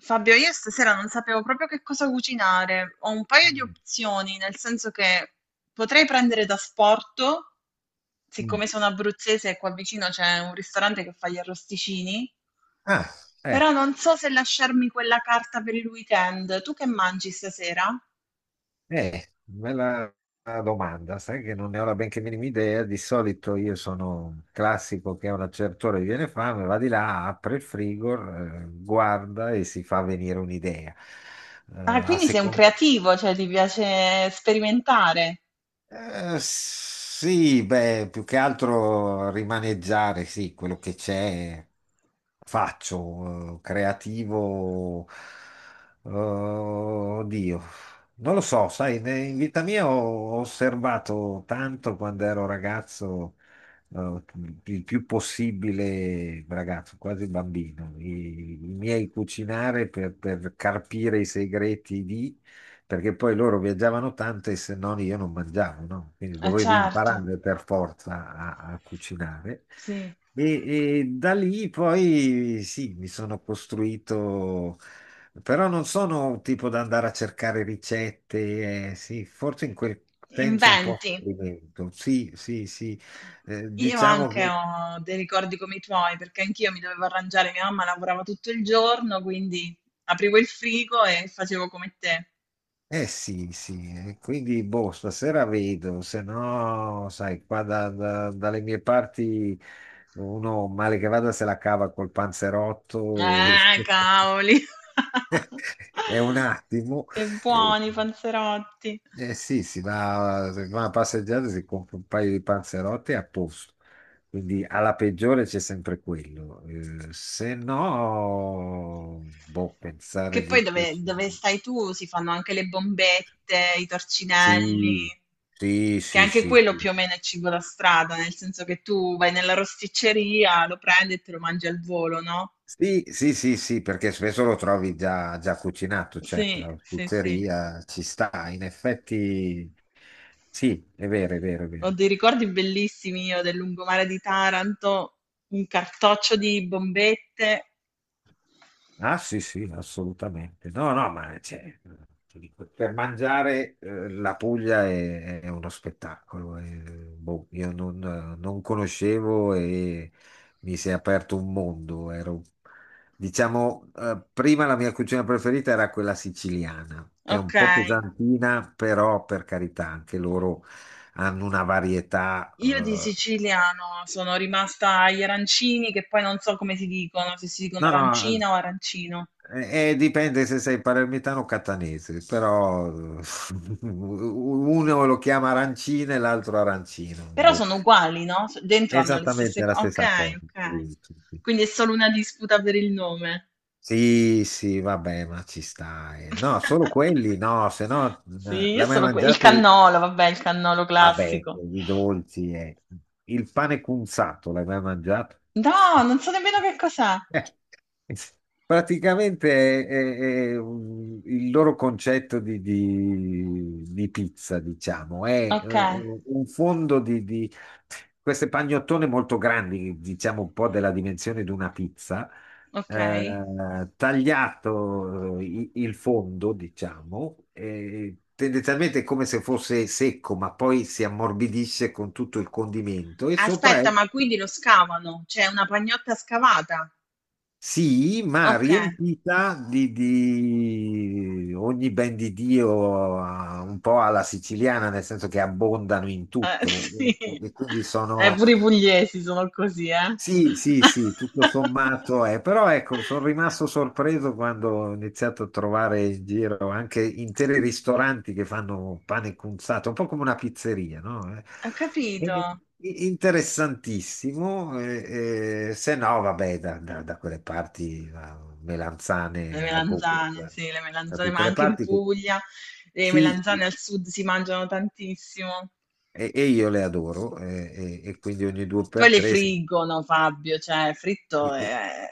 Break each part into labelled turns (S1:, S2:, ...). S1: Fabio, io stasera non sapevo proprio che cosa cucinare. Ho un paio di
S2: Mm,
S1: opzioni, nel senso che potrei prendere da sporto,
S2: mm.
S1: siccome sono abruzzese e qua vicino c'è un ristorante che fa gli arrosticini,
S2: Ah,
S1: però
S2: eh,
S1: non so se lasciarmi quella carta per il weekend. Tu che mangi stasera?
S2: bella domanda. Sai che non ne ho la benché minima idea. Di solito io sono un classico che a una certa ora gli viene fame, va di là, apre il frigo, guarda e si fa venire un'idea. Eh,
S1: Ah,
S2: A
S1: quindi sei un
S2: seconda.
S1: creativo, cioè ti piace sperimentare.
S2: Sì, beh, più che altro rimaneggiare, sì, quello che c'è. Faccio, creativo, oddio, non lo so, sai, in vita mia ho osservato tanto quando ero ragazzo, eh, il più possibile ragazzo, quasi bambino, i miei cucinare per carpire i segreti di perché poi loro viaggiavano tanto e se no io non mangiavo, no? Quindi
S1: Eh
S2: dovevo
S1: certo,
S2: imparare per forza a cucinare.
S1: sì.
S2: E da lì poi sì, mi sono costruito, però non sono tipo da andare a cercare ricette, sì, forse in quel senso un po'
S1: Inventi.
S2: sperimento. Sì, sì, sì.
S1: Io
S2: Diciamo
S1: anche
S2: che
S1: ho dei ricordi come i tuoi, perché anch'io mi dovevo arrangiare, mia mamma lavorava tutto il giorno, quindi aprivo il frigo e facevo come te.
S2: eh sì, sì, quindi boh, stasera vedo, se no, sai, qua dalle mie parti uno male che vada se la cava col panzerotto e
S1: Cavoli!
S2: è un attimo.
S1: Che
S2: Eh,
S1: buoni i panzerotti!
S2: eh sì, si va a passeggiare, si compra un paio di panzerotti e a posto. Quindi alla peggiore c'è sempre quello. Se no, boh, pensare
S1: Che poi
S2: di
S1: dove
S2: cucina.
S1: stai tu si fanno anche le bombette, i torcinelli,
S2: Sì, sì,
S1: che
S2: sì,
S1: anche
S2: sì,
S1: quello
S2: sì.
S1: più o meno è cibo da strada, nel senso che tu vai nella rosticceria, lo prendi e te lo mangi al volo, no?
S2: Sì, sì, sì, sì, perché spesso lo trovi già, già cucinato, certo,
S1: Sì,
S2: la
S1: sì, sì.
S2: pizzeria ci sta, in effetti sì, è vero, è vero, è
S1: Ho
S2: vero.
S1: dei ricordi bellissimi io del lungomare di Taranto, un cartoccio di bombette.
S2: Ah sì, sì, assolutamente. No, no, ma cioè, ti dico, per mangiare la Puglia è uno spettacolo. Boh, io non, non conoscevo e mi si è aperto un mondo. Ero, diciamo, prima la mia cucina preferita era quella siciliana, che è
S1: Ok.
S2: un po' pesantina, però per carità, anche loro hanno una varietà.
S1: Io di siciliano sono rimasta agli arancini, che poi non so come si dicono, se si dicono
S2: No, no.
S1: arancina o arancino,
S2: Dipende se sei palermitano o catanese, però uno lo chiama arancina e l'altro arancino.
S1: però
S2: Boh.
S1: sono uguali, no? Dentro hanno le stesse
S2: Esattamente la
S1: cose. Ok,
S2: stessa cosa.
S1: ok.
S2: Sì, sì, sì,
S1: Quindi è solo una disputa per il nome.
S2: sì, sì, vabbè, ma ci stai. No, solo quelli, no, se no
S1: Sì, io
S2: l'hai mai
S1: sono il
S2: mangiato?
S1: cannolo, vabbè, il cannolo
S2: Vabbè,
S1: classico.
S2: i dolci. Il pane cunzato, l'hai mai mangiato?
S1: No, non so nemmeno che cos'è.
S2: Eh, Praticamente è, è il loro concetto di, di pizza, diciamo, è
S1: Ok,
S2: un fondo di queste pagnottone molto grandi, diciamo un po' della dimensione di una pizza,
S1: ok.
S2: tagliato il fondo, diciamo, e tendenzialmente è come se fosse secco, ma poi si ammorbidisce con tutto il condimento e sopra
S1: Aspetta,
S2: è
S1: ma quindi lo scavano? C'è una pagnotta scavata?
S2: sì, ma
S1: Ok.
S2: riempita di ogni ben di Dio, un po' alla siciliana, nel senso che abbondano in tutto
S1: Sì,
S2: e quindi sono
S1: pure i pugliesi sono così, eh.
S2: sì, sì, sì, tutto sommato è, però ecco, sono rimasto sorpreso quando ho iniziato a trovare in giro anche interi ristoranti che fanno pane cunzato, un po' come una pizzeria, no?
S1: Ho capito.
S2: E- interessantissimo, se no, vabbè, da quelle parti, a
S1: Le
S2: melanzane a go
S1: melanzane, sì, le
S2: da
S1: melanzane, ma
S2: tutte le
S1: anche in
S2: parti che
S1: Puglia le
S2: sì,
S1: melanzane al sud si mangiano tantissimo.
S2: e io le adoro, e quindi ogni due
S1: Poi
S2: per
S1: le
S2: tre.
S1: friggono, Fabio, cioè fritto è...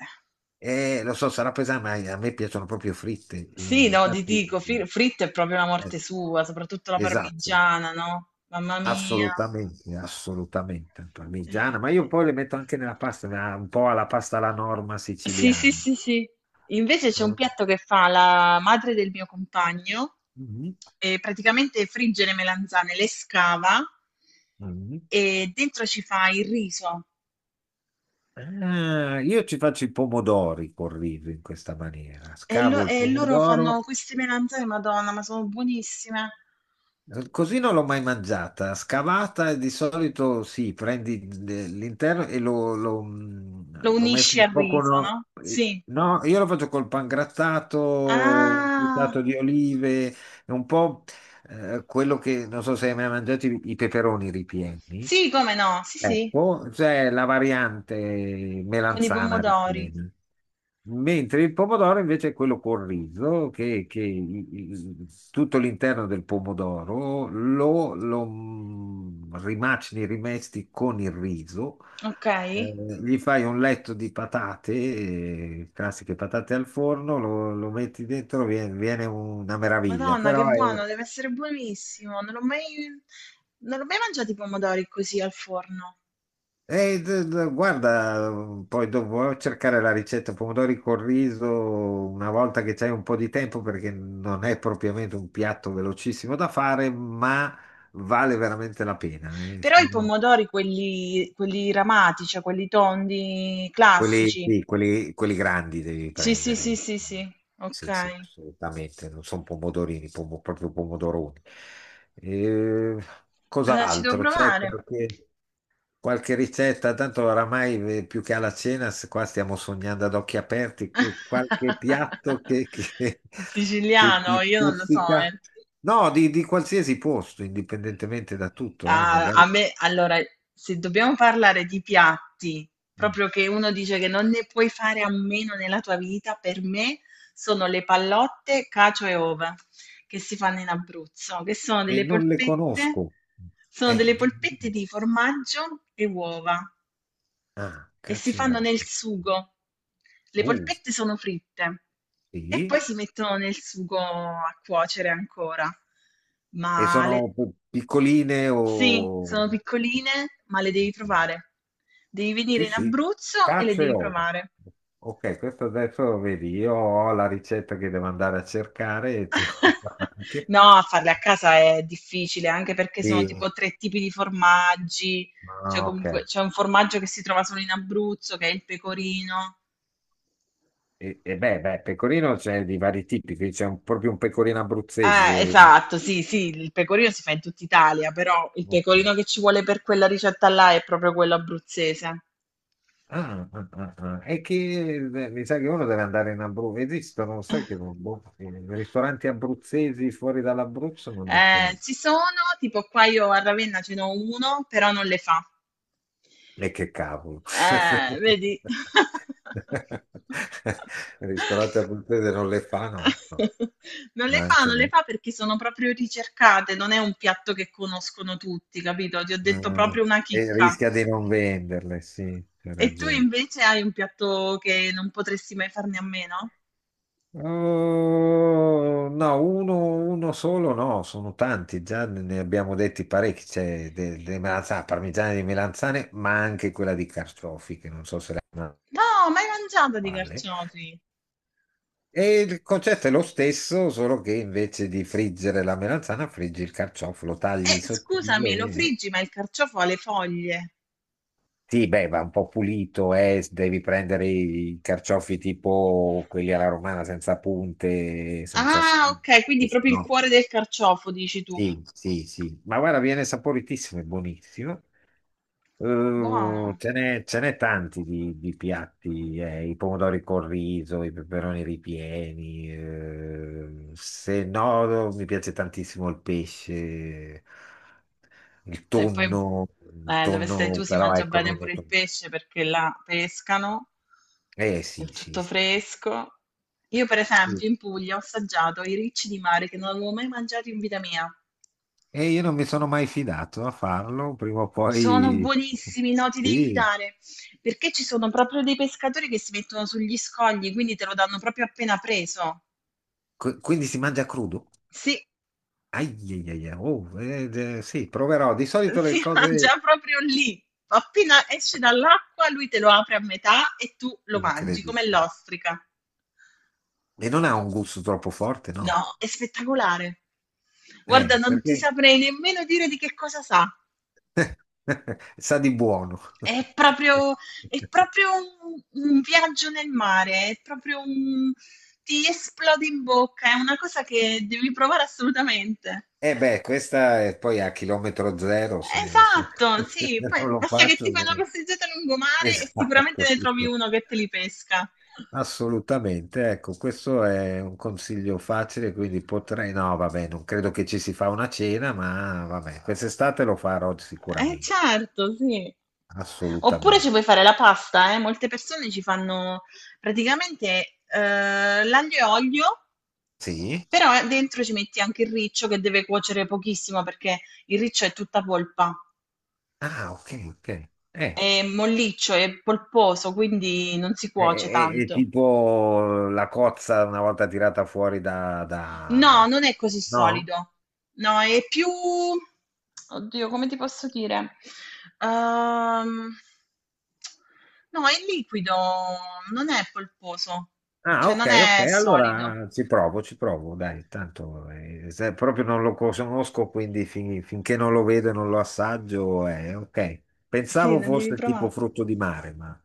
S2: Lo so, sarà pesante, ma a me piacciono proprio fritte.
S1: Sì, no, ti
S2: Infatti,
S1: dico, fritto è proprio la morte
S2: eh,
S1: sua, soprattutto la
S2: esatto,
S1: parmigiana, no? Mamma mia.
S2: assolutamente, assolutamente. Parmigiana, ma io poi le metto anche nella pasta, ma un po' alla pasta alla norma
S1: Sì, sì,
S2: siciliana.
S1: sì, sì. Invece c'è un
S2: Eh,
S1: piatto che fa la madre del mio compagno
S2: mhm,
S1: e praticamente frigge le melanzane, le scava
S2: mhm.
S1: e dentro ci fa il riso.
S2: Ah, io ci faccio i pomodori col riso in questa maniera.
S1: E,
S2: Scavo il
S1: e loro
S2: pomodoro,
S1: fanno queste melanzane, Madonna, ma sono buonissime.
S2: così non l'ho mai mangiata. Scavata di solito sì, prendi l'interno e lo, lo,
S1: Lo
S2: lo
S1: unisci
S2: mescoli
S1: al
S2: un po' con...
S1: riso, no? Sì.
S2: No, io lo faccio col pangrattato,
S1: Ah,
S2: buttato di olive, e un po' quello che non so se hai mai mangiato i peperoni ripieni.
S1: sì, come no? Sì, sì,
S2: Ecco, c'è la variante
S1: con i
S2: melanzana
S1: pomodori.
S2: ripiena, mentre il pomodoro invece è quello col riso, che tutto l'interno del pomodoro lo, rimacini, rimesti con il riso,
S1: Ok.
S2: gli fai un letto di patate, classiche patate al forno, lo, lo metti dentro, viene, viene una meraviglia,
S1: Madonna, che
S2: però è,
S1: buono, deve essere buonissimo. Non ho mai, non ho mai mangiato i pomodori così al forno.
S2: e, guarda, poi dovrò cercare la ricetta pomodori col riso una volta che c'hai un po' di tempo perché non è propriamente un piatto velocissimo da fare, ma vale veramente la pena.
S1: Però i
S2: Sono
S1: pomodori, quelli, quelli ramati, cioè quelli tondi
S2: quelli,
S1: classici.
S2: sì, quelli, quelli grandi devi
S1: Sì, sì, sì,
S2: prendere.
S1: sì, sì. Ok,
S2: Sì, sì, assolutamente. Non sono pomodorini, proprio pomodoroni. Eh,
S1: allora ci devo
S2: Cos'altro? C'è
S1: provare.
S2: qualche... Qualche ricetta, tanto oramai più che alla cena, qua stiamo sognando ad occhi aperti, qualche piatto che, che
S1: Siciliano,
S2: ti
S1: io non lo so, eh.
S2: stuzzica. No, di qualsiasi posto, indipendentemente da tutto,
S1: A,
S2: magari.
S1: a me, allora, se dobbiamo parlare di piatti,
S2: Mm.
S1: proprio che uno dice che non ne puoi fare a meno nella tua vita, per me sono le pallotte, cacio e ova che si fanno in Abruzzo, che
S2: E non le conosco.
S1: sono
S2: Eh,
S1: delle
S2: di-
S1: polpette
S2: di-
S1: di formaggio e uova
S2: ah,
S1: e si
S2: caccia e
S1: fanno
S2: uova.
S1: nel sugo. Le
S2: Uh,
S1: polpette sono fritte e
S2: sì.
S1: poi si mettono nel sugo a cuocere ancora.
S2: E
S1: Ma le,
S2: sono piccoline
S1: sì,
S2: o...
S1: sono piccoline, ma le devi provare. Devi
S2: Sì,
S1: venire in
S2: sì,
S1: Abruzzo e le
S2: cacio e
S1: devi
S2: uovo.
S1: provare.
S2: Ok, questo adesso vedi, io ho la ricetta che devo andare a cercare e tu anche.
S1: No, farle a casa è difficile, anche perché sono
S2: Di-
S1: tipo tre tipi di formaggi, cioè
S2: ah, ok,
S1: comunque c'è un formaggio che si trova solo in Abruzzo, che è il pecorino.
S2: beh, pecorino c'è di vari tipi, qui c'è proprio un pecorino abruzzese.
S1: Esatto, sì, sì, il pecorino si fa in tutta Italia, però il
S2: Ok.
S1: pecorino che ci vuole per quella ricetta là è proprio quello abruzzese.
S2: Ah, ah, ah, ah. E che mi sa che uno deve andare in Abruzzo, esistono, sai che non- boh, ristoranti abruzzesi fuori dall'Abruzzo non ne conosco.
S1: Ci sono, tipo qua io a Ravenna ce n'ho uno, però non le fa.
S2: E che cavolo.
S1: Vedi?
S2: Ristorante a puttane non le fa, no? No,
S1: Non le
S2: ma
S1: fa,
S2: anche
S1: non le
S2: no.
S1: fa perché sono proprio ricercate, non è un piatto che conoscono tutti, capito? Ti ho detto
S2: Ah,
S1: proprio una
S2: e
S1: chicca.
S2: rischia di non venderle, sì, c'è
S1: E tu
S2: ragione.
S1: invece hai un piatto che non potresti mai farne a meno?
S2: Oh, no, uno solo no, sono tanti, già ne abbiamo detti parecchi, c'è delle melanzane, parmigiane di melanzane, ma anche quella di carciofi, che non so se la
S1: No, mai mangiato di
S2: quale.
S1: carciofi.
S2: E il concetto è lo stesso, solo che invece di friggere la melanzana, friggi il carciofo, lo tagli
S1: Scusami, lo
S2: sottile.
S1: friggi, ma il carciofo ha le foglie.
S2: Sì, beh, va un po' pulito, devi prendere i carciofi tipo quelli alla romana, senza punte, senza...
S1: Ah, ok, quindi
S2: se
S1: proprio il
S2: no-
S1: cuore del carciofo, dici tu.
S2: Sì, sì, sì. Ma guarda, viene saporitissimo e buonissimo.
S1: Buono.
S2: Ce n'è tanti di piatti, i pomodori col riso, i peperoni ripieni. Se no, mi piace tantissimo il pesce, il
S1: E poi
S2: tonno, il
S1: dove stai tu
S2: tonno,
S1: si
S2: però
S1: mangia
S2: ecco,
S1: bene
S2: non
S1: pure il
S2: detto.
S1: pesce perché là pescano,
S2: Eh
S1: è
S2: sì, sì,
S1: tutto
S2: sì.
S1: fresco. Io, per esempio, in Puglia ho assaggiato i ricci di mare che non avevo mai mangiato in vita mia.
S2: E io non mi sono mai fidato a farlo, prima o
S1: Sono
S2: poi.
S1: buonissimi, no, ti devi
S2: Sì.
S1: fidare, perché ci sono proprio dei pescatori che si mettono sugli scogli, quindi te lo danno proprio appena preso.
S2: Qu- Quindi si mangia crudo?
S1: Sì,
S2: Ai, ai, ai, ai. Oh, sì, proverò. Di solito le
S1: si
S2: cose.
S1: mangia proprio lì. Appena esce dall'acqua, lui te lo apre a metà e tu lo mangi
S2: Incredibile.
S1: come l'ostrica.
S2: E non ha un gusto troppo forte, no?
S1: No, è spettacolare. Guarda, non ti
S2: Perché
S1: saprei nemmeno dire di che cosa sa.
S2: sa di buono.
S1: È proprio, è proprio un viaggio nel mare, è proprio un... ti esplode in bocca, è una cosa che devi provare assolutamente.
S2: Eh beh, questa è poi a chilometro zero, se-
S1: Esatto,
S2: se
S1: sì,
S2: non
S1: poi
S2: lo
S1: basta che
S2: faccio.
S1: ti fai una
S2: Non-
S1: passeggiata lungomare e
S2: Esatto,
S1: sicuramente ne
S2: sì.
S1: trovi
S2: sì.
S1: uno che te li pesca.
S2: Assolutamente, ecco, questo è un consiglio facile, quindi potrei... No, vabbè, non credo che ci si fa una cena, ma vabbè, quest'estate lo farò
S1: Eh
S2: sicuramente,
S1: certo, sì. Oppure ci puoi
S2: assolutamente.
S1: fare la pasta, eh. Molte persone ci fanno praticamente l'aglio e olio,
S2: Sì?
S1: però dentro ci metti anche il riccio che deve cuocere pochissimo perché il riccio è tutta polpa,
S2: Ah, ok, ok.
S1: è molliccio, è polposo, quindi non si
S2: È,
S1: cuoce
S2: è
S1: tanto.
S2: tipo la cozza una volta tirata fuori da-
S1: No, non è così
S2: No?
S1: solido. No, è più oddio, come ti posso dire? Ehm, no, è liquido, non è polposo,
S2: Ah,
S1: cioè non
S2: ok, ok,
S1: è solido.
S2: allora ci provo, dai, tanto se proprio non lo conosco, quindi finché non lo vedo e non lo assaggio, ok.
S1: Sì,
S2: Pensavo
S1: non devi
S2: fosse tipo
S1: provare.
S2: frutto di mare, ma...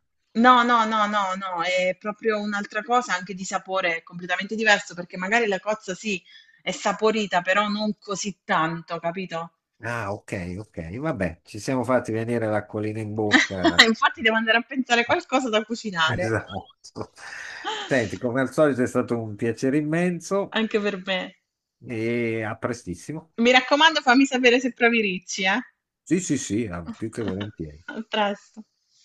S1: No, no, no, no, no, è proprio un'altra cosa, anche di sapore è completamente diverso, perché magari la cozza sì, è saporita, però non così tanto, capito?
S2: Ah, ok, ok, vabbè, ci siamo fatti venire l'acquolina in bocca.
S1: Infatti devo andare a pensare qualcosa da cucinare.
S2: Esatto. Senti, come al solito è stato un piacere immenso
S1: Anche per me.
S2: e a prestissimo.
S1: Mi raccomando, fammi sapere se provi Ricci, eh.
S2: Sì, sì, sì, ah, più che volentieri.
S1: A presto.